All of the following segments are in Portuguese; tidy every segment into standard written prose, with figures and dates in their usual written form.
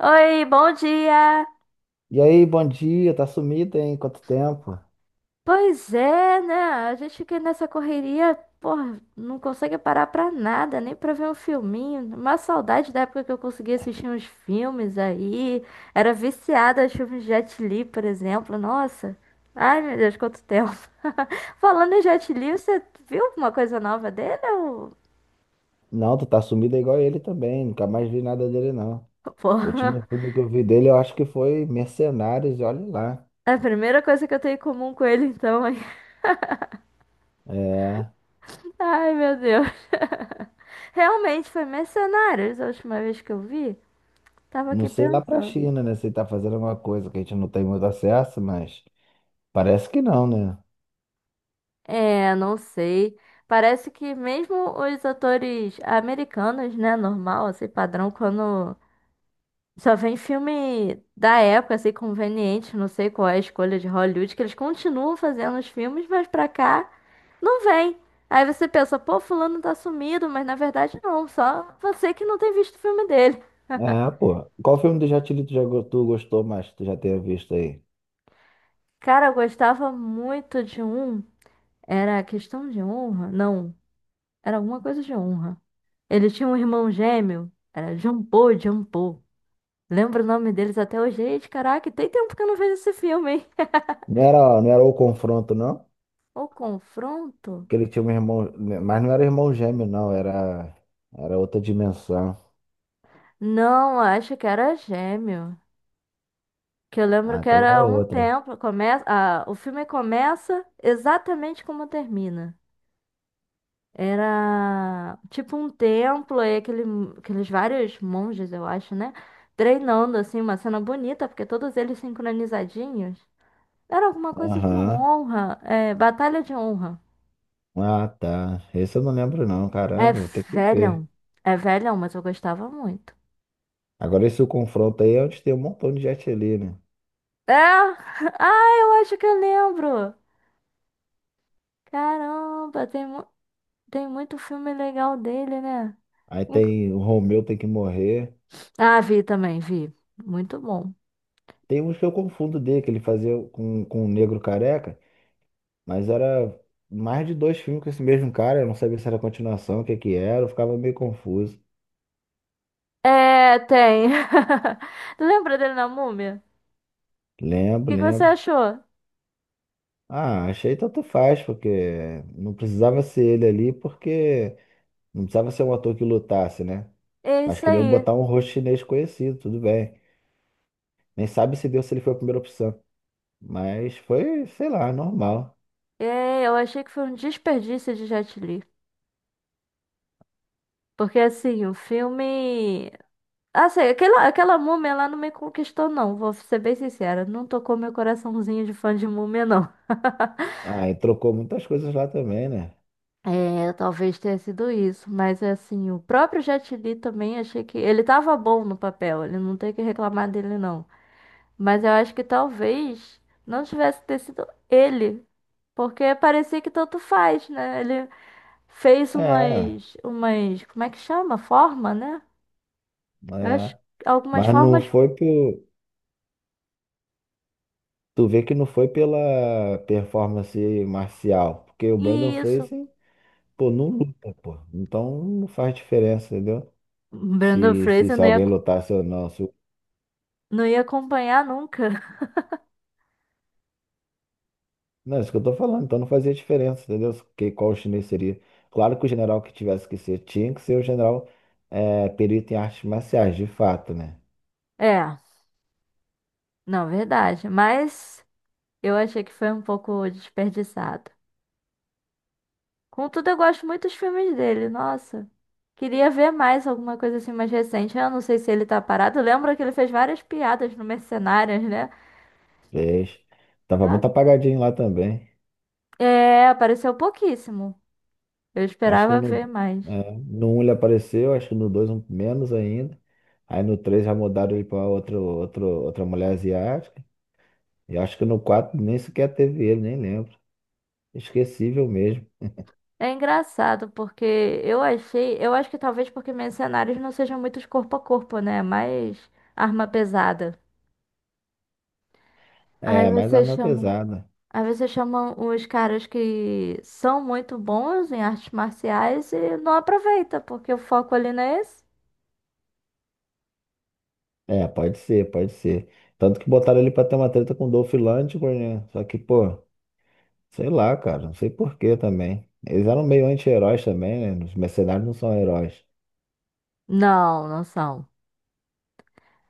Oi, bom dia! E aí, bom dia, tá sumido, hein? Quanto tempo? Pois é, né? A gente fica nessa correria, porra, não consegue parar pra nada, nem pra ver um filminho. Uma saudade da época que eu conseguia assistir uns filmes aí. Era viciada aos filmes de Jet Li, por exemplo. Nossa! Ai, meu Deus, quanto tempo! Falando em Jet Li, você viu alguma coisa nova dele? Ou... Não, tu tá sumido igual ele também, nunca mais vi nada dele, não. O último Porra! filme que eu vi dele, eu acho que foi Mercenários, e olha lá. É a primeira coisa que eu tenho em comum com ele, então. É, Ai, meu Deus! Realmente foi Mercenários a última vez que eu vi. Tava não aqui sei lá pra pensando. China, né, se ele tá fazendo alguma coisa que a gente não tem muito acesso, mas parece que não, né? É, não sei. Parece que mesmo os atores americanos, né, normal, assim, padrão, quando só vem filme da época, assim, conveniente, não sei qual é a escolha de Hollywood, que eles continuam fazendo os filmes, mas pra cá não vem. Aí você pensa, pô, fulano tá sumido, mas na verdade não, só você que não tem visto o filme dele. É, pô. Qual filme do Jet Li tu gostou mais, que tu já tenha visto aí? Cara, eu gostava muito de um, era Questão de Honra? Não. Era alguma coisa de honra. Ele tinha um irmão gêmeo. Era Jampô, Jampô. Lembro o nome deles até hoje. Gente, caraca, tem tempo que eu não vejo esse filme, hein? Não era O Confronto, não? O confronto? Que ele tinha um irmão, mas não era irmão gêmeo, não, era outra dimensão. Não, acho que era gêmeo. Que eu lembro Ah, que então é era um outra. templo. Começa, ah, o filme começa exatamente como termina. Era tipo um templo e aquele, aqueles vários monges, eu acho, né? Treinando, assim, uma cena bonita, porque todos eles sincronizadinhos. Era alguma coisa de Aham. honra. É, Batalha de Honra. Ah, tá. Esse eu não lembro não, É caramba, vou ter que ver. velhão. É velhão, mas eu gostava muito. Agora esse confronto aí é onde tem um montão de gente ali, né? É! Ah, eu acho que eu lembro. Caramba, tem, tem muito filme legal dele, né? Aí Inclu- tem o Romeu tem que morrer. Ah, vi também, vi. Muito bom. Tem uns que eu confundo dele, que ele fazia com o Negro Careca, mas era mais de dois filmes com esse mesmo cara, eu não sabia se era continuação, o que que era, eu ficava meio confuso. É, tem. Lembra dele na Múmia? O Lembro, que que você lembro. achou? Ah, achei tanto faz, porque não precisava ser ele ali, porque não precisava ser um ator que lutasse, né? É Mas isso queriam aí. botar um rosto chinês conhecido, tudo bem. Nem sabe se deu se ele foi a primeira opção. Mas foi, sei lá, normal. É, eu achei que foi um desperdício de Jet Li. Porque, assim, o filme. Assim, aquela múmia lá não me conquistou, não. Vou ser bem sincera. Não tocou meu coraçãozinho de fã de múmia, não. Ah, e trocou muitas coisas lá também, né? É, talvez tenha sido isso. Mas, assim, o próprio Jet Li também achei que. Ele tava bom no papel. Ele não tem que reclamar dele, não. Mas eu acho que talvez não tivesse ter sido ele. Porque parecia que tanto faz, né? Ele fez É, umas. Umas. Como é que chama? Forma, né? Eu acho. é. Que Algumas Mas não formas. foi por. Tu vê que não foi pela performance marcial. Porque o Brandon Isso. Fraser, pô, não luta, pô. Então não faz diferença, entendeu? Brandon Se, se, Fraser se não ia. alguém lutasse ou não. Se, o- Não ia acompanhar nunca. Não, é isso que eu tô falando. Então não fazia diferença, entendeu? Que, qual chinês seria. Claro que o general que tivesse que ser tinha que ser o general é, perito em artes marciais, de fato, né? É, não, verdade. Mas eu achei que foi um pouco desperdiçado. Contudo, eu gosto muito dos filmes dele. Nossa, queria ver mais alguma coisa assim mais recente. Eu não sei se ele tá parado. Lembra que ele fez várias piadas no Mercenários, né? Fez. Tava Ah, muito apagadinho lá também. é, apareceu pouquíssimo. Eu Acho que esperava no, ver mais. é, no um ele apareceu, acho que no 2 um, menos ainda. Aí no 3 já mudaram ele pra outro, outra mulher asiática. E acho que no 4 nem sequer teve ele, nem lembro. Esquecível mesmo. É engraçado porque eu achei, eu acho que talvez porque Mercenários não sejam muitos corpo a corpo, né? Mais arma pesada. Aí É, mais você arma é chama. pesada. Aí você chama os caras que são muito bons em artes marciais e não aproveita, porque o foco ali não é esse. É, pode ser, pode ser. Tanto que botaram ele pra ter uma treta com o Dolph Lundgren, né? Só que, pô, sei lá, cara, não sei por quê também. Eles eram meio anti-heróis também, né? Os mercenários não são heróis. Não, não são.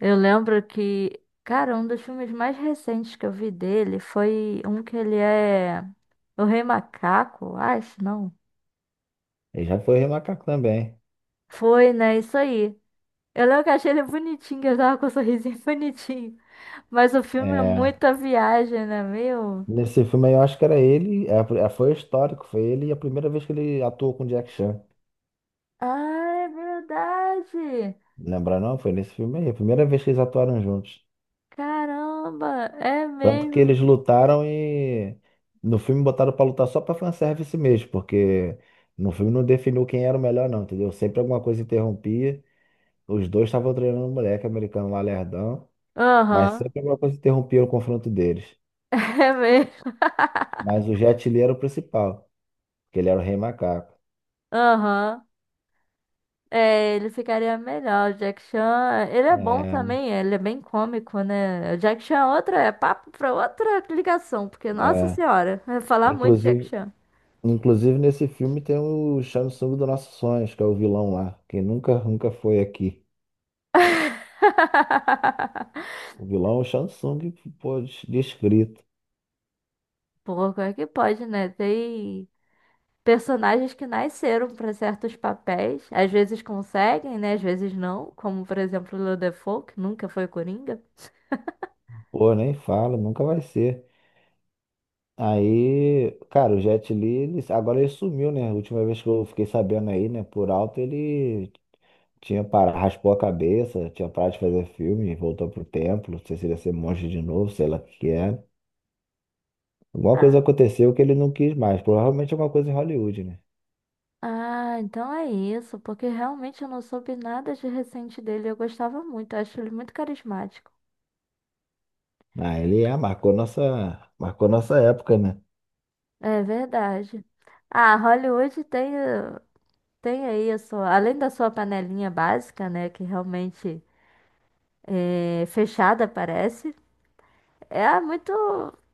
Eu lembro que, cara, um dos filmes mais recentes que eu vi dele foi um que ele é o Rei Macaco, acho, não. Ele já foi remacaco também. Foi, né? Isso aí. Eu lembro que eu achei ele bonitinho, que ele tava com um sorrisinho bonitinho. Mas o filme é É, muita viagem, né, meu? nesse filme aí eu acho que era ele, é, foi histórico, foi ele e a primeira vez que ele atuou com Jack Chan. Ah, é verdade! Lembra não? Foi nesse filme aí, a primeira vez que eles atuaram juntos. Caramba, é Tanto que mesmo. eles lutaram e no filme botaram pra lutar só pra fanservice mesmo, porque no filme não definiu quem era o melhor não, entendeu? Sempre alguma coisa interrompia. Os dois estavam treinando um moleque americano lá lerdão, mas Aham, sempre alguma coisa interrompia o confronto deles. é mesmo. Mas o Jet Li era o principal, porque ele era o Rei Macaco. Aham. É, ele ficaria melhor. O Jack Chan, ele é bom É, também, ele é bem cômico, né? O Jack Chan é outra, é papo pra outra ligação, porque, nossa é. senhora, vai falar muito de Jack Inclusive Chan. Inclusive, nesse filme tem o Samsung dos Nossos Sonhos, que é o vilão lá, que nunca, nunca foi aqui. O vilão é o Samsung, pô, descrito. Pô, como é que pode, né? Tem personagens que nasceram pra certos papéis, às vezes conseguem, né? Às vezes não, como por exemplo o Willem Dafoe, que nunca foi Coringa. Pô, nem fala, nunca vai ser. Aí, cara, o Jet Li, agora ele sumiu, né? A última vez que eu fiquei sabendo aí, né, por alto, ele tinha parado, raspou a cabeça, tinha parado de fazer filme, voltou pro templo, não sei se ele ia ser monge de novo, sei lá o que que era. Alguma coisa Ah, aconteceu que ele não quis mais, provavelmente é uma coisa em Hollywood, né? ah, então é isso, porque realmente eu não soube nada de recente dele. Eu gostava muito, eu acho ele muito carismático. Ah, marcou nossa época, né? É verdade. Ah, Hollywood tem, tem aí a sua, além da sua panelinha básica, né, que realmente é fechada, parece, é muito,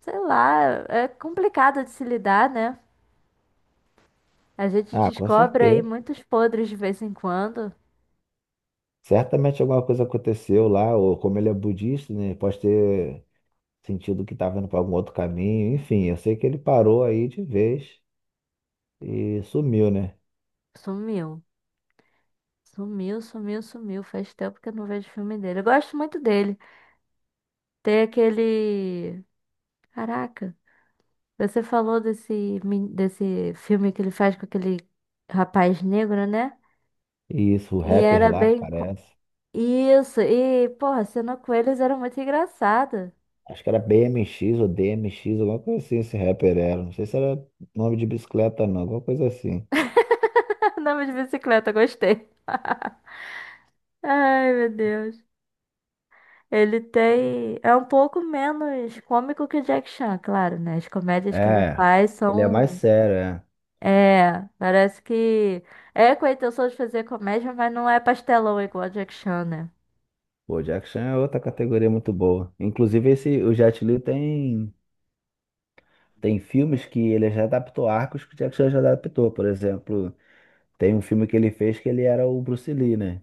sei lá, é complicado de se lidar, né? A gente Ah, com descobre aí certeza. muitos podres de vez em quando. Certamente alguma coisa aconteceu lá, ou como ele é budista, né? Pode ter sentido que estava indo para algum outro caminho. Enfim, eu sei que ele parou aí de vez e sumiu, né? Sumiu. Sumiu, sumiu, sumiu. Faz tempo que eu não vejo filme dele. Eu gosto muito dele. Tem aquele. Caraca, você falou desse, desse filme que ele faz com aquele rapaz negro, né? E isso, o E rapper era lá, bem. Parece. Isso, e, porra, a cena com eles era muito engraçada. Acho que era BMX ou DMX, alguma coisa assim, esse rapper era. Não sei se era nome de bicicleta, não, alguma coisa assim. Andava de bicicleta, gostei. Ai, meu Deus. Ele tem. É um pouco menos cômico que o Jack Chan, claro, né? As comédias que ele É, faz ele é mais são. sério, é. É, parece que. É com a intenção de fazer comédia, mas não é pastelão igual o Jack Chan, né? Pô, o Jack Chan é outra categoria muito boa. Inclusive, esse, o Jet Li tem. Tem filmes que ele já adaptou arcos que o Jack Chan já adaptou. Por exemplo, tem um filme que ele fez que ele era o Bruce Lee, né?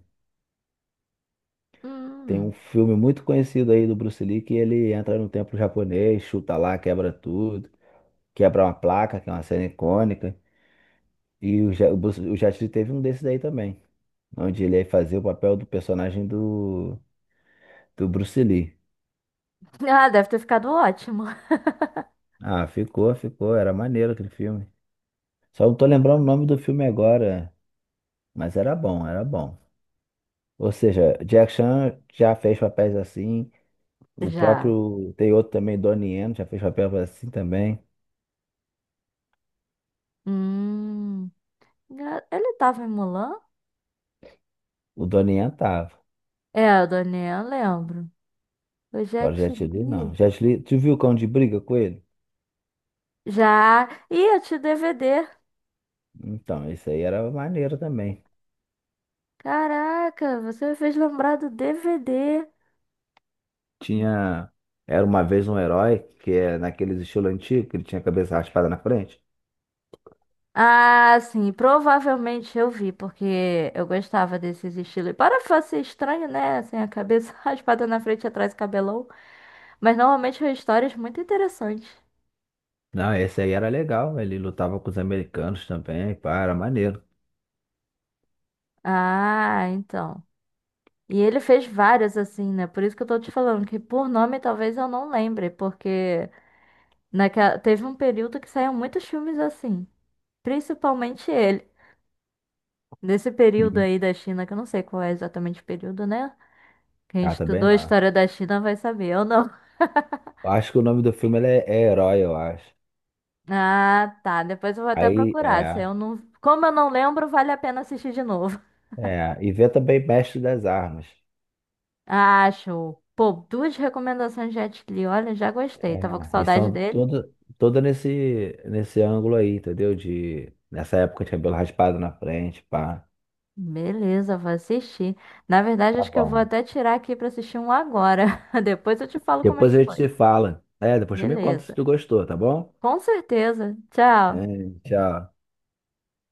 Tem um Hum. filme muito conhecido aí do Bruce Lee que ele entra no templo japonês, chuta lá, quebra tudo, quebra uma placa, que é uma cena icônica. E o, Ja- o, Bruce- o Jet Li teve um desses aí também, onde ele fazia o papel do personagem do Bruce Lee. Ah, deve ter ficado ótimo. Ah, ficou, ficou. Era maneiro aquele filme. Só não tô lembrando o nome do filme agora, mas era bom, era bom. Ou seja, Jack Chan já fez papéis assim. O Já. próprio. Tem outro também, Donnie Yen, já fez papel assim também. Hum. Ah, ele tava em Mulan? O Donnie Yen tava. É, a Daniel, eu lembro. Eu já Agora o te Jet Li não. li. Jet Li, tu viu o Cão de Briga com ele? Já. Ih, eu te DVD. Então, isso aí era maneiro também. Caraca, você me fez lembrar do DVD. Tinha. Era uma vez um herói, que é naqueles estilo antigo, que ele tinha a cabeça raspada na frente. Ah, sim, provavelmente eu vi, porque eu gostava desses estilos. E para fazer estranho, né? Assim, a cabeça raspada na frente e atrás, cabelão. Mas normalmente são histórias muito interessantes. Não, esse aí era legal. Ele lutava com os americanos também. Pá, era maneiro. Ah, então. E ele fez várias assim, né? Por isso que eu tô te falando que por nome talvez eu não lembre, porque naquela... teve um período que saíram muitos filmes assim, principalmente ele. Nesse período Uhum. aí da China, que eu não sei qual é exatamente o período, né? Quem Ah, também estudou a não. história da China vai saber, eu não. Eu acho que o nome do filme ele é, é Herói, eu acho. Ah, tá. Depois eu vou até Aí, procurar. Se é. eu não... Como eu não lembro, vale a pena assistir de novo. É, e vê também Mestre das Armas. Ah, show. Pô, duas recomendações de Jet Li. Olha, já gostei. Tava com É, E saudade são dele. toda, toda nesse ângulo aí, entendeu? De, nessa época de cabelo raspado na frente, pá. Beleza, vou assistir. Na verdade, Tá acho que eu vou bom. até tirar aqui pra assistir um agora. Depois eu te falo como é Depois que a gente foi. se fala. É, depois tu me conta se Beleza. tu gostou, tá bom? Com certeza. É, Tchau. tchau.